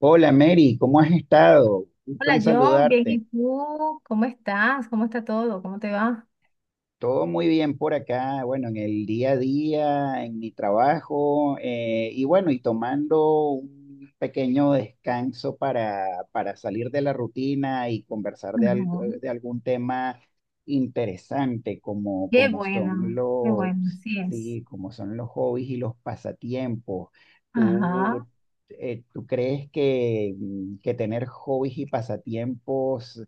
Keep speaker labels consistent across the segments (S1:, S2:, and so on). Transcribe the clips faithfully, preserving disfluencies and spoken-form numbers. S1: Hola Mary, ¿cómo has estado? Gusto en
S2: Hola John, bien, ¿y
S1: saludarte.
S2: tú? ¿Cómo estás? ¿Cómo está todo? ¿Cómo te va?
S1: Todo muy bien por acá, bueno, en el día a día, en mi trabajo, eh, y bueno, y tomando un pequeño descanso para, para salir de la rutina y conversar de, al-
S2: Ajá.
S1: eh, de algún tema interesante, como,
S2: Qué
S1: como son
S2: bueno, qué
S1: los,
S2: bueno, así es.
S1: sí, como son los hobbies y los pasatiempos.
S2: Ajá.
S1: ¿Tú, eh, ¿tú crees que, mm, que tener hobbies y pasatiempos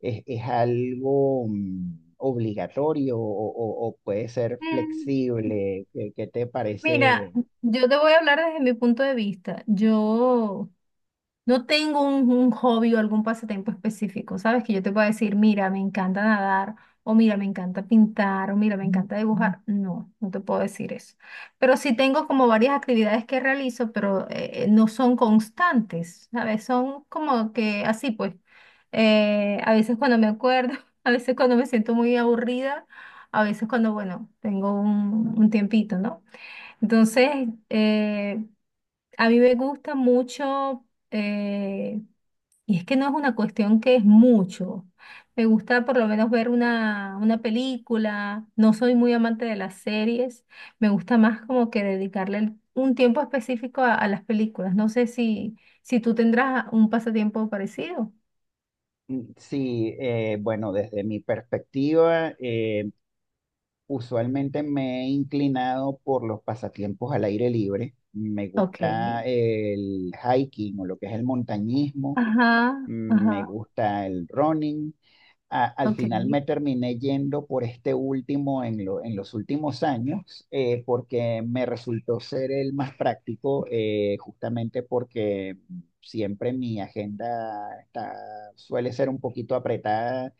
S1: es, es algo mm, obligatorio o, o- o puede ser
S2: Mm,
S1: flexible? ¿Qué, qué te
S2: Mira,
S1: parece?
S2: yo te voy a hablar desde mi punto de vista. Yo no tengo un, un hobby o algún pasatiempo específico, ¿sabes? Que yo te pueda decir, mira, me encanta nadar, o mira, me encanta pintar, o mira, me encanta dibujar. No, no te puedo decir eso. Pero sí tengo como varias actividades que realizo, pero eh, eh, no son constantes, ¿sabes? Son como que así, pues. Eh, a veces cuando me acuerdo, a veces cuando me siento muy aburrida, a veces cuando, bueno, tengo un, un tiempito, ¿no? Entonces, eh, a mí me gusta mucho, eh, y es que no es una cuestión que es mucho. Me gusta por lo menos ver una, una película. No soy muy amante de las series. Me gusta más como que dedicarle el- un tiempo específico a, a las películas. No sé si, si tú tendrás un pasatiempo parecido.
S1: Mm, sí, eh, bueno, desde mi perspectiva, eh, usualmente me he inclinado por los pasatiempos al aire libre. Me
S2: Ok.
S1: gusta el hiking o lo que es el montañismo.
S2: Ajá,
S1: Mm, me
S2: ajá,
S1: gusta el running, a- al
S2: ok.
S1: final me terminé yendo por este último en, lo- en los últimos años, eh, porque me resultó ser el más práctico, eh, justamente porque siempre mi agenda está, suele ser un poquito apretada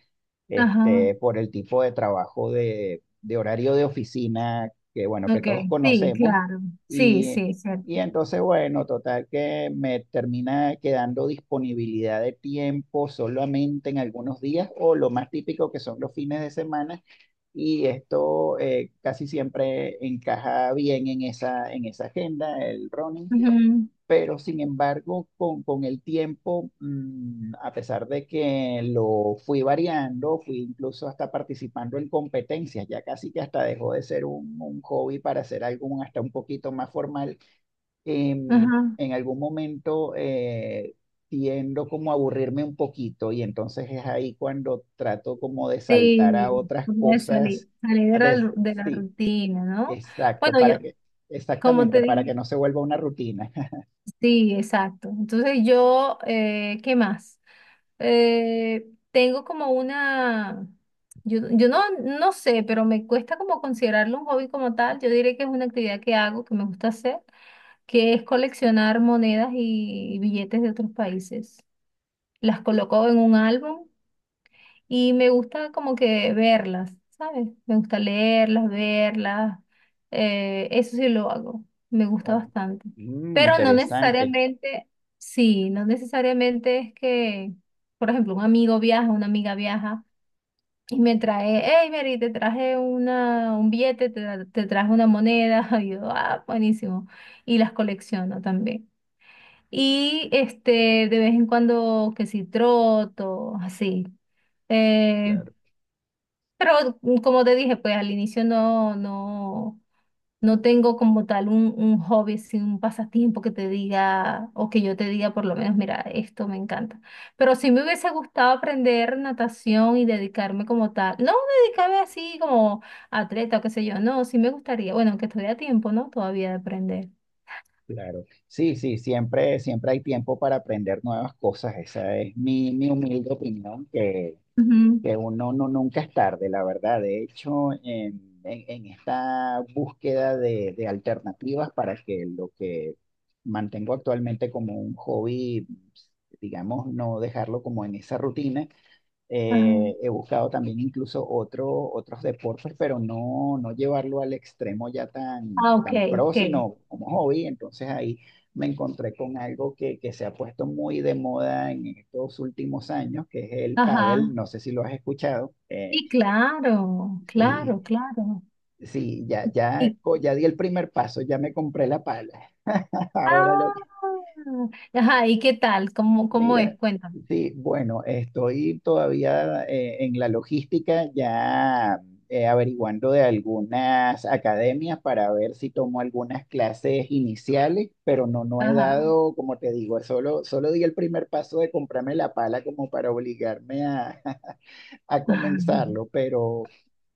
S2: Ajá,
S1: este, por el tipo de trabajo de, de horario de oficina que, bueno, que
S2: ok.
S1: todos
S2: Sí,
S1: conocemos.
S2: claro. Sí,
S1: Y,
S2: sí, cierto.
S1: y entonces, bueno, total que me termina quedando disponibilidad de tiempo solamente en algunos días o lo más típico que son los fines de semana. Y esto, eh, casi siempre encaja bien en esa, en esa agenda, el running,
S2: Ujú,
S1: pero sin embargo, con, con el tiempo, mm, a pesar de que lo fui variando, fui incluso hasta participando en competencias, ya casi que hasta dejó de ser un, un hobby para ser algo un- hasta un poquito más formal, em,
S2: ajá.
S1: en algún momento, eh, tiendo como a aburrirme un poquito y entonces es ahí cuando trato como de saltar a
S2: Sí,
S1: otras
S2: una vez salí,
S1: cosas.
S2: salí de
S1: a
S2: la,
S1: des-
S2: ru- de la
S1: sí,
S2: rutina, ¿no?
S1: exacto,
S2: Bueno, yo,
S1: para que,
S2: como
S1: exactamente,
S2: te
S1: para que
S2: dije,
S1: no se vuelva una rutina.
S2: sí, exacto. Entonces yo, eh, ¿qué más? Eh, tengo como una, yo, yo no, no sé, pero me cuesta como considerarlo un hobby como tal. Yo diré que es una actividad que hago, que me gusta hacer, que es coleccionar monedas y billetes de otros países. Las coloco en un álbum y me gusta como que verlas, ¿sabes? Me gusta leerlas, verlas. eh, eso sí lo hago. Me gusta
S1: Oh,
S2: bastante.
S1: mm,
S2: Pero no
S1: interesante,
S2: necesariamente, sí, no necesariamente es que, por ejemplo, un amigo viaja, una amiga viaja y me trae, hey, Mary, te traje una, un billete, te, tra- te traje una moneda. Y yo, ah, buenísimo. Y las colecciono también. Y este, de vez en cuando, que si troto, así. Eh,
S1: claro,
S2: pero mm, como te dije, pues al inicio no, no, no tengo como tal un, un hobby, así, un pasatiempo que te diga, o que yo te diga por lo menos, mira, esto me encanta. Pero sí me hubiese gustado aprender natación y dedicarme como tal. No dedicarme así como atleta o qué sé yo, no, sí me gustaría. Bueno, aunque estoy a tiempo, ¿no? Todavía de aprender.
S1: claro. Sí, sí, siempre, siempre hay tiempo para aprender nuevas cosas. Esa es mi, mi humilde opinión, que,
S2: Ujú,
S1: que uno no, nunca es tarde, la verdad. De hecho, en, en- en esta búsqueda de, de alternativas para que lo que mantengo actualmente como un hobby, digamos, no dejarlo como en esa rutina.
S2: ajá.
S1: Eh, he buscado también incluso otro, otros deportes, pero no, no llevarlo al extremo ya
S2: Ah,
S1: tan,
S2: ok,
S1: tan pro,
S2: ok.
S1: sino como hobby. Entonces ahí me encontré con algo que, que se ha puesto muy de moda en estos últimos años, que es el
S2: Ajá.
S1: pádel. No sé si lo has escuchado. Eh,
S2: Sí, claro,
S1: sí,
S2: claro, claro.
S1: sí, ya, ya,
S2: Y
S1: co- ya di el primer paso, ya me compré la pala. Ahora lo,
S2: ah, ajá, ¿y qué tal? ¿Cómo, cómo
S1: Mira,
S2: es? Cuéntame.
S1: sí, bueno, estoy todavía, eh, en la logística, ya, eh, averiguando de algunas academias para ver si tomo algunas clases iniciales, pero no, no he
S2: Ajá.
S1: dado, como te digo, solo, solo di el primer paso de comprarme la pala como para obligarme a, a
S2: Ajá.
S1: comenzarlo, pero,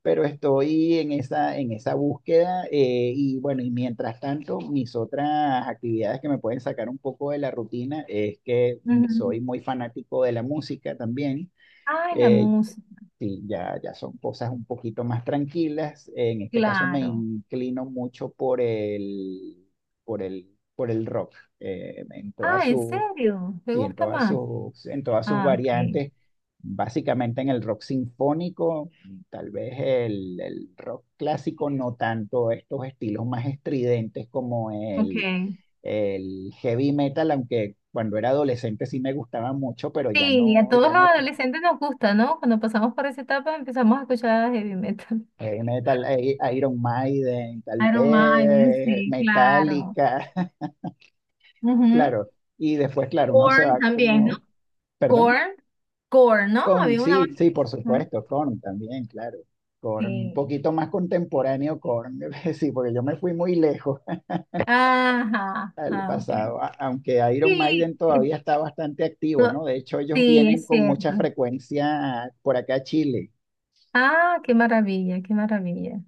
S1: pero estoy en esa, en esa búsqueda, eh, y bueno, y mientras tanto, mis otras actividades que me pueden sacar un poco de la rutina es que, mm,
S2: Ujú.
S1: soy muy fanático de la música también.
S2: Ay, la
S1: Eh,
S2: música,
S1: sí, ya, ya son cosas un poquito más tranquilas. En este caso me
S2: claro.
S1: inclino mucho por el, por el, por el rock, eh, en todas
S2: Ah, ¿en
S1: sus...
S2: serio? ¿Te
S1: Sí, en
S2: gusta
S1: todas
S2: más?
S1: sus, en todas sus
S2: Ah, ok,
S1: variantes, básicamente en el rock sinfónico, tal vez el, el rock clásico, no tanto estos estilos más estridentes como el,
S2: ok.
S1: el heavy metal, aunque cuando era adolescente sí me gustaba mucho, pero ya
S2: Sí, a
S1: no,
S2: todos
S1: ya
S2: los
S1: no,
S2: adolescentes nos gusta, ¿no? Cuando pasamos por esa etapa empezamos a escuchar heavy metal.
S1: heavy metal, eh, Iron Maiden, tal
S2: Iron Maiden,
S1: vez
S2: sí, claro.
S1: Metallica.
S2: Ujú.
S1: Claro, y después, claro, uno se
S2: Korn
S1: va
S2: también, ¿no?
S1: como... Perdón.
S2: Korn, Korn, ¿no?
S1: Korn,
S2: Había una
S1: sí,
S2: banda.
S1: sí, por
S2: ¿No?
S1: supuesto, Korn también, claro. Korn, un
S2: Sí.
S1: poquito más contemporáneo Korn. Sí, porque yo me fui muy lejos
S2: Ajá,
S1: al
S2: ah, ok.
S1: pasado, a- aunque Iron
S2: Sí,
S1: Maiden todavía está bastante activo,
S2: no,
S1: ¿no? De hecho, ellos
S2: sí,
S1: vienen
S2: es
S1: con
S2: cierto.
S1: mucha frecuencia por acá a Chile,
S2: Ah, qué maravilla, qué maravilla.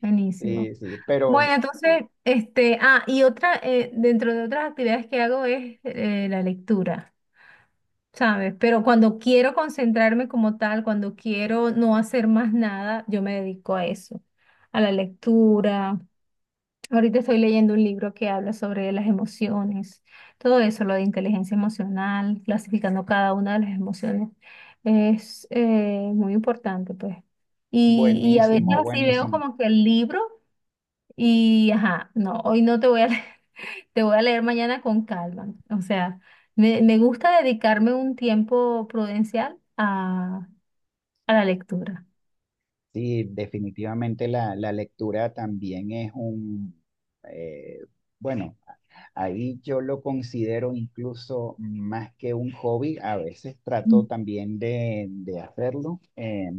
S2: Buenísimo.
S1: sí, sí, pero
S2: Bueno, entonces, este, ah, y otra, eh, dentro de otras actividades que hago es eh, la lectura, ¿sabes? Pero cuando quiero concentrarme como tal, cuando quiero no hacer más nada, yo me dedico a eso, a la lectura. Ahorita estoy leyendo un libro que habla sobre las emociones, todo eso, lo de inteligencia emocional, clasificando cada una de las emociones, es eh, muy importante, pues. Y, y a veces Mm.
S1: buenísimo,
S2: así veo
S1: buenísimo.
S2: como que el libro y, ajá, no, hoy no te voy a leer, te voy a leer mañana con calma. O sea, me, me gusta dedicarme un tiempo prudencial a, a la lectura.
S1: Sí, definitivamente la, la lectura también es un, eh, bueno. Ahí yo lo considero incluso más que un hobby, a veces trato
S2: Mm.
S1: también de, de hacerlo, eh,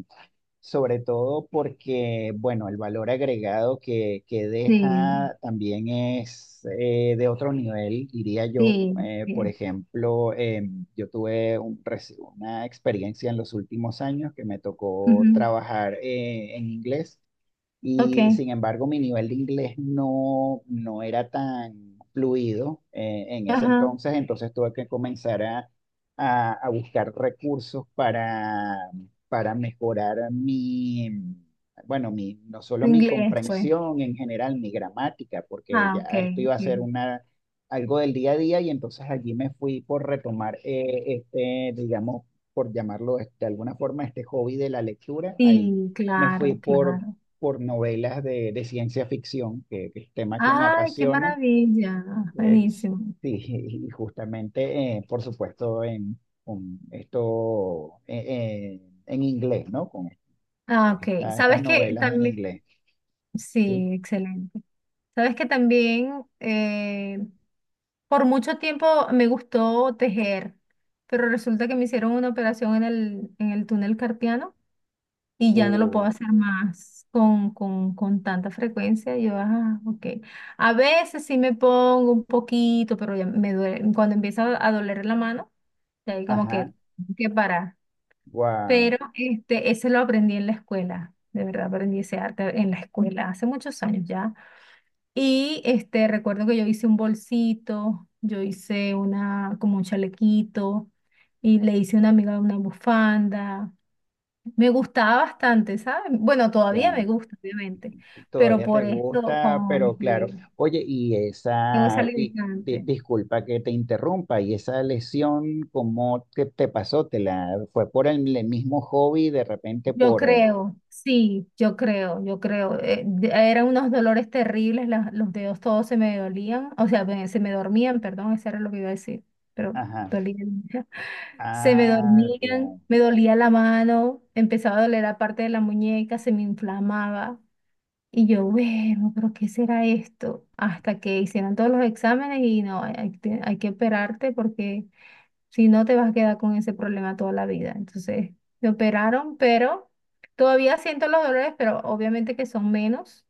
S1: sobre todo porque, bueno, el valor agregado que, que
S2: Sí,
S1: deja también es, eh, de otro nivel, diría yo.
S2: sí,
S1: Eh, por
S2: sí.
S1: ejemplo, eh, yo tuve un reci- una experiencia en los últimos años que me tocó
S2: Ujú.
S1: trabajar, eh, en inglés.
S2: Ok,
S1: Y sin embargo, mi nivel de inglés no, no era tan fluido, eh, en ese
S2: ajá,
S1: entonces, entonces tuve que comenzar a, a- a buscar recursos para, para mejorar mi, bueno, mi, no solo mi
S2: inglés, pues.
S1: comprensión en general, mi gramática, porque
S2: Ah,
S1: ya
S2: ok,
S1: esto iba a ser
S2: ok.
S1: una, algo del día a día y entonces allí me fui por retomar, eh, este, digamos, por llamarlo de alguna forma, este hobby de la lectura. Ahí
S2: Sí,
S1: me fui
S2: claro,
S1: por,
S2: claro.
S1: por novelas de, de ciencia ficción, que que es tema que me
S2: Ay, qué
S1: apasiona.
S2: maravilla.
S1: Eh,
S2: Buenísimo.
S1: sí, y justamente, eh, por supuesto, en con esto, eh, eh, en inglés, ¿no? Con
S2: Ah, ok.
S1: esta- estas
S2: Sabes que
S1: novelas en
S2: también,
S1: inglés, ¿sí?
S2: sí, excelente. Sabes que también eh, por mucho tiempo me gustó tejer, pero resulta que me hicieron una operación en el, en el túnel carpiano y ya no lo puedo
S1: Uh,
S2: hacer más con, con, con tanta frecuencia. Yo, ah, ok. A veces sí me pongo un poquito, pero ya me duele. Cuando empieza a doler la mano. Y ahí como
S1: ajá,
S2: que, que parar.
S1: wow,
S2: Pero este, ese lo aprendí en la escuela. De verdad aprendí ese arte en la escuela hace muchos años ya. Y este, recuerdo que yo hice un bolsito, yo hice una, como un chalequito, y le hice a una amiga una bufanda. Me gustaba bastante, ¿sabes? Bueno, todavía me
S1: ya,
S2: gusta, obviamente, pero
S1: todavía te
S2: por eso,
S1: gusta, pero claro.
S2: cónchale,
S1: Oye, y
S2: tengo
S1: esa,
S2: esa
S1: y di-
S2: limitante.
S1: disculpa que te interrumpa, y esa lesión, ¿cómo te te pasó? ¿Te la fue por el, el mismo hobby, de repente
S2: Yo
S1: por, eh...
S2: creo, sí, yo creo, yo creo. Eh, de- eran unos dolores terribles, las- los dedos todos se me dolían, o sea, me- se me dormían, perdón, eso era lo que iba a decir, pero
S1: Ajá.
S2: dolían. Se me
S1: Ah,
S2: dormían,
S1: wow,
S2: me dolía la mano, empezaba a doler la parte de la muñeca, se me inflamaba. Y yo, bueno, pero ¿qué será esto? Hasta que hicieron todos los exámenes y no, hay, hay que hay que operarte porque si no, te vas a quedar con ese problema toda la vida. Entonces, me operaron, pero todavía siento los dolores, pero obviamente que son menos.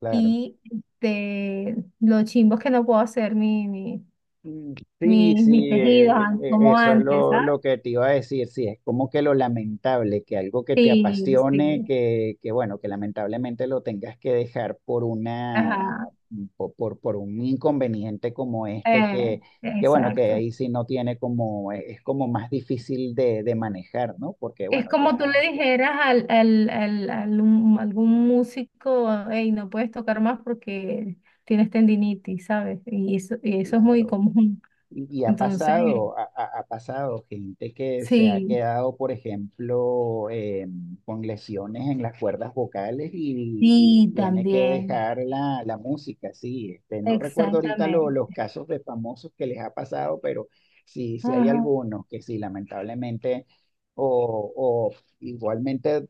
S1: claro.
S2: Y de los chimbos que no puedo hacer mi, mi,
S1: Mm, sí,
S2: mi- mis
S1: sí, eh,
S2: tejidos
S1: eh,
S2: an-
S1: eh,
S2: como
S1: eso es
S2: antes,
S1: lo,
S2: ¿sabes?
S1: lo que te iba a decir. Sí, es como que lo lamentable, que algo que te
S2: Sí,
S1: apasione,
S2: sí.
S1: que, que bueno, que lamentablemente lo tengas que dejar por una,
S2: Ajá.
S1: por, por, por un inconveniente como este, que,
S2: eh,
S1: que bueno, que
S2: exacto.
S1: ahí sí no tiene como, es como más difícil de, de manejar, ¿no? Porque
S2: Es
S1: bueno,
S2: como tú le
S1: ya,
S2: dijeras al, al, al, al un- algún músico, hey, no puedes tocar más porque tienes tendinitis, ¿sabes? Y eso, y eso es muy
S1: claro.
S2: común.
S1: Y, y ha
S2: Entonces,
S1: pasado, ha, ha- ha pasado gente que se ha
S2: sí,
S1: quedado, por ejemplo, eh, con lesiones en las cuerdas vocales y, y
S2: sí,
S1: tiene que
S2: también,
S1: dejar la, la música, sí. Este, no recuerdo ahorita lo- los
S2: exactamente.
S1: casos de famosos que les ha pasado, pero sí, sí hay
S2: Ajá.
S1: algunos que sí, lamentablemente, o, o igualmente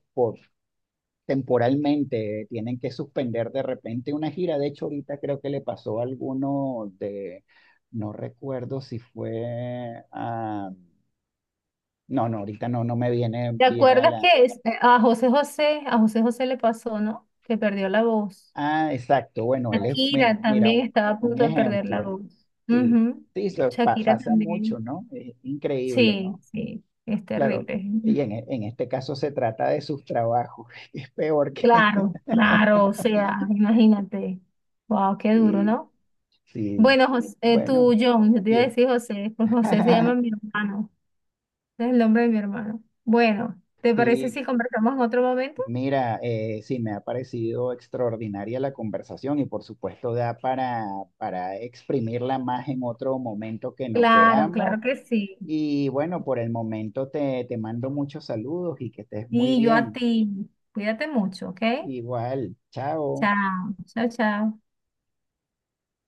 S1: temporalmente tienen que suspender de repente una gira. De hecho, ahorita creo que le pasó a alguno de, no recuerdo si fue a, no, no, ahorita no, no me viene
S2: ¿Te
S1: bien a
S2: acuerdas
S1: la...
S2: que es- eh, a José José, a José José le pasó, ¿no? Que perdió la voz.
S1: Ah, exacto, bueno, él es, bueno,
S2: Shakira
S1: mira, un,
S2: también estaba a
S1: un
S2: punto de perder la
S1: ejemplo,
S2: voz.
S1: sí,
S2: Ujú.
S1: sí, eso pa-
S2: Shakira
S1: pasa mucho,
S2: también.
S1: ¿no? Es increíble,
S2: Sí,
S1: ¿no?
S2: sí, es
S1: Claro.
S2: terrible.
S1: Y en, e- en este caso se trata de sus trabajos, es peor que...
S2: Claro, claro, o sea, imagínate. Wow, qué duro,
S1: Sí,
S2: ¿no?
S1: sí,
S2: Bueno, José, eh,
S1: bueno,
S2: tú, John, yo te iba a
S1: bien.
S2: decir José, pues José se llama mi hermano. Es el nombre de mi hermano. Bueno, ¿te parece
S1: Sí,
S2: si conversamos en otro momento?
S1: mira, eh, sí, me ha parecido extraordinaria la conversación y por supuesto da para, para exprimirla más en otro momento que nos
S2: Claro,
S1: veamos.
S2: claro que sí.
S1: Y bueno, por el momento te, te mando muchos saludos y que estés muy
S2: Y yo a
S1: bien.
S2: ti. Cuídate mucho, ¿ok?
S1: Igual, chao.
S2: Chao, chao, chao.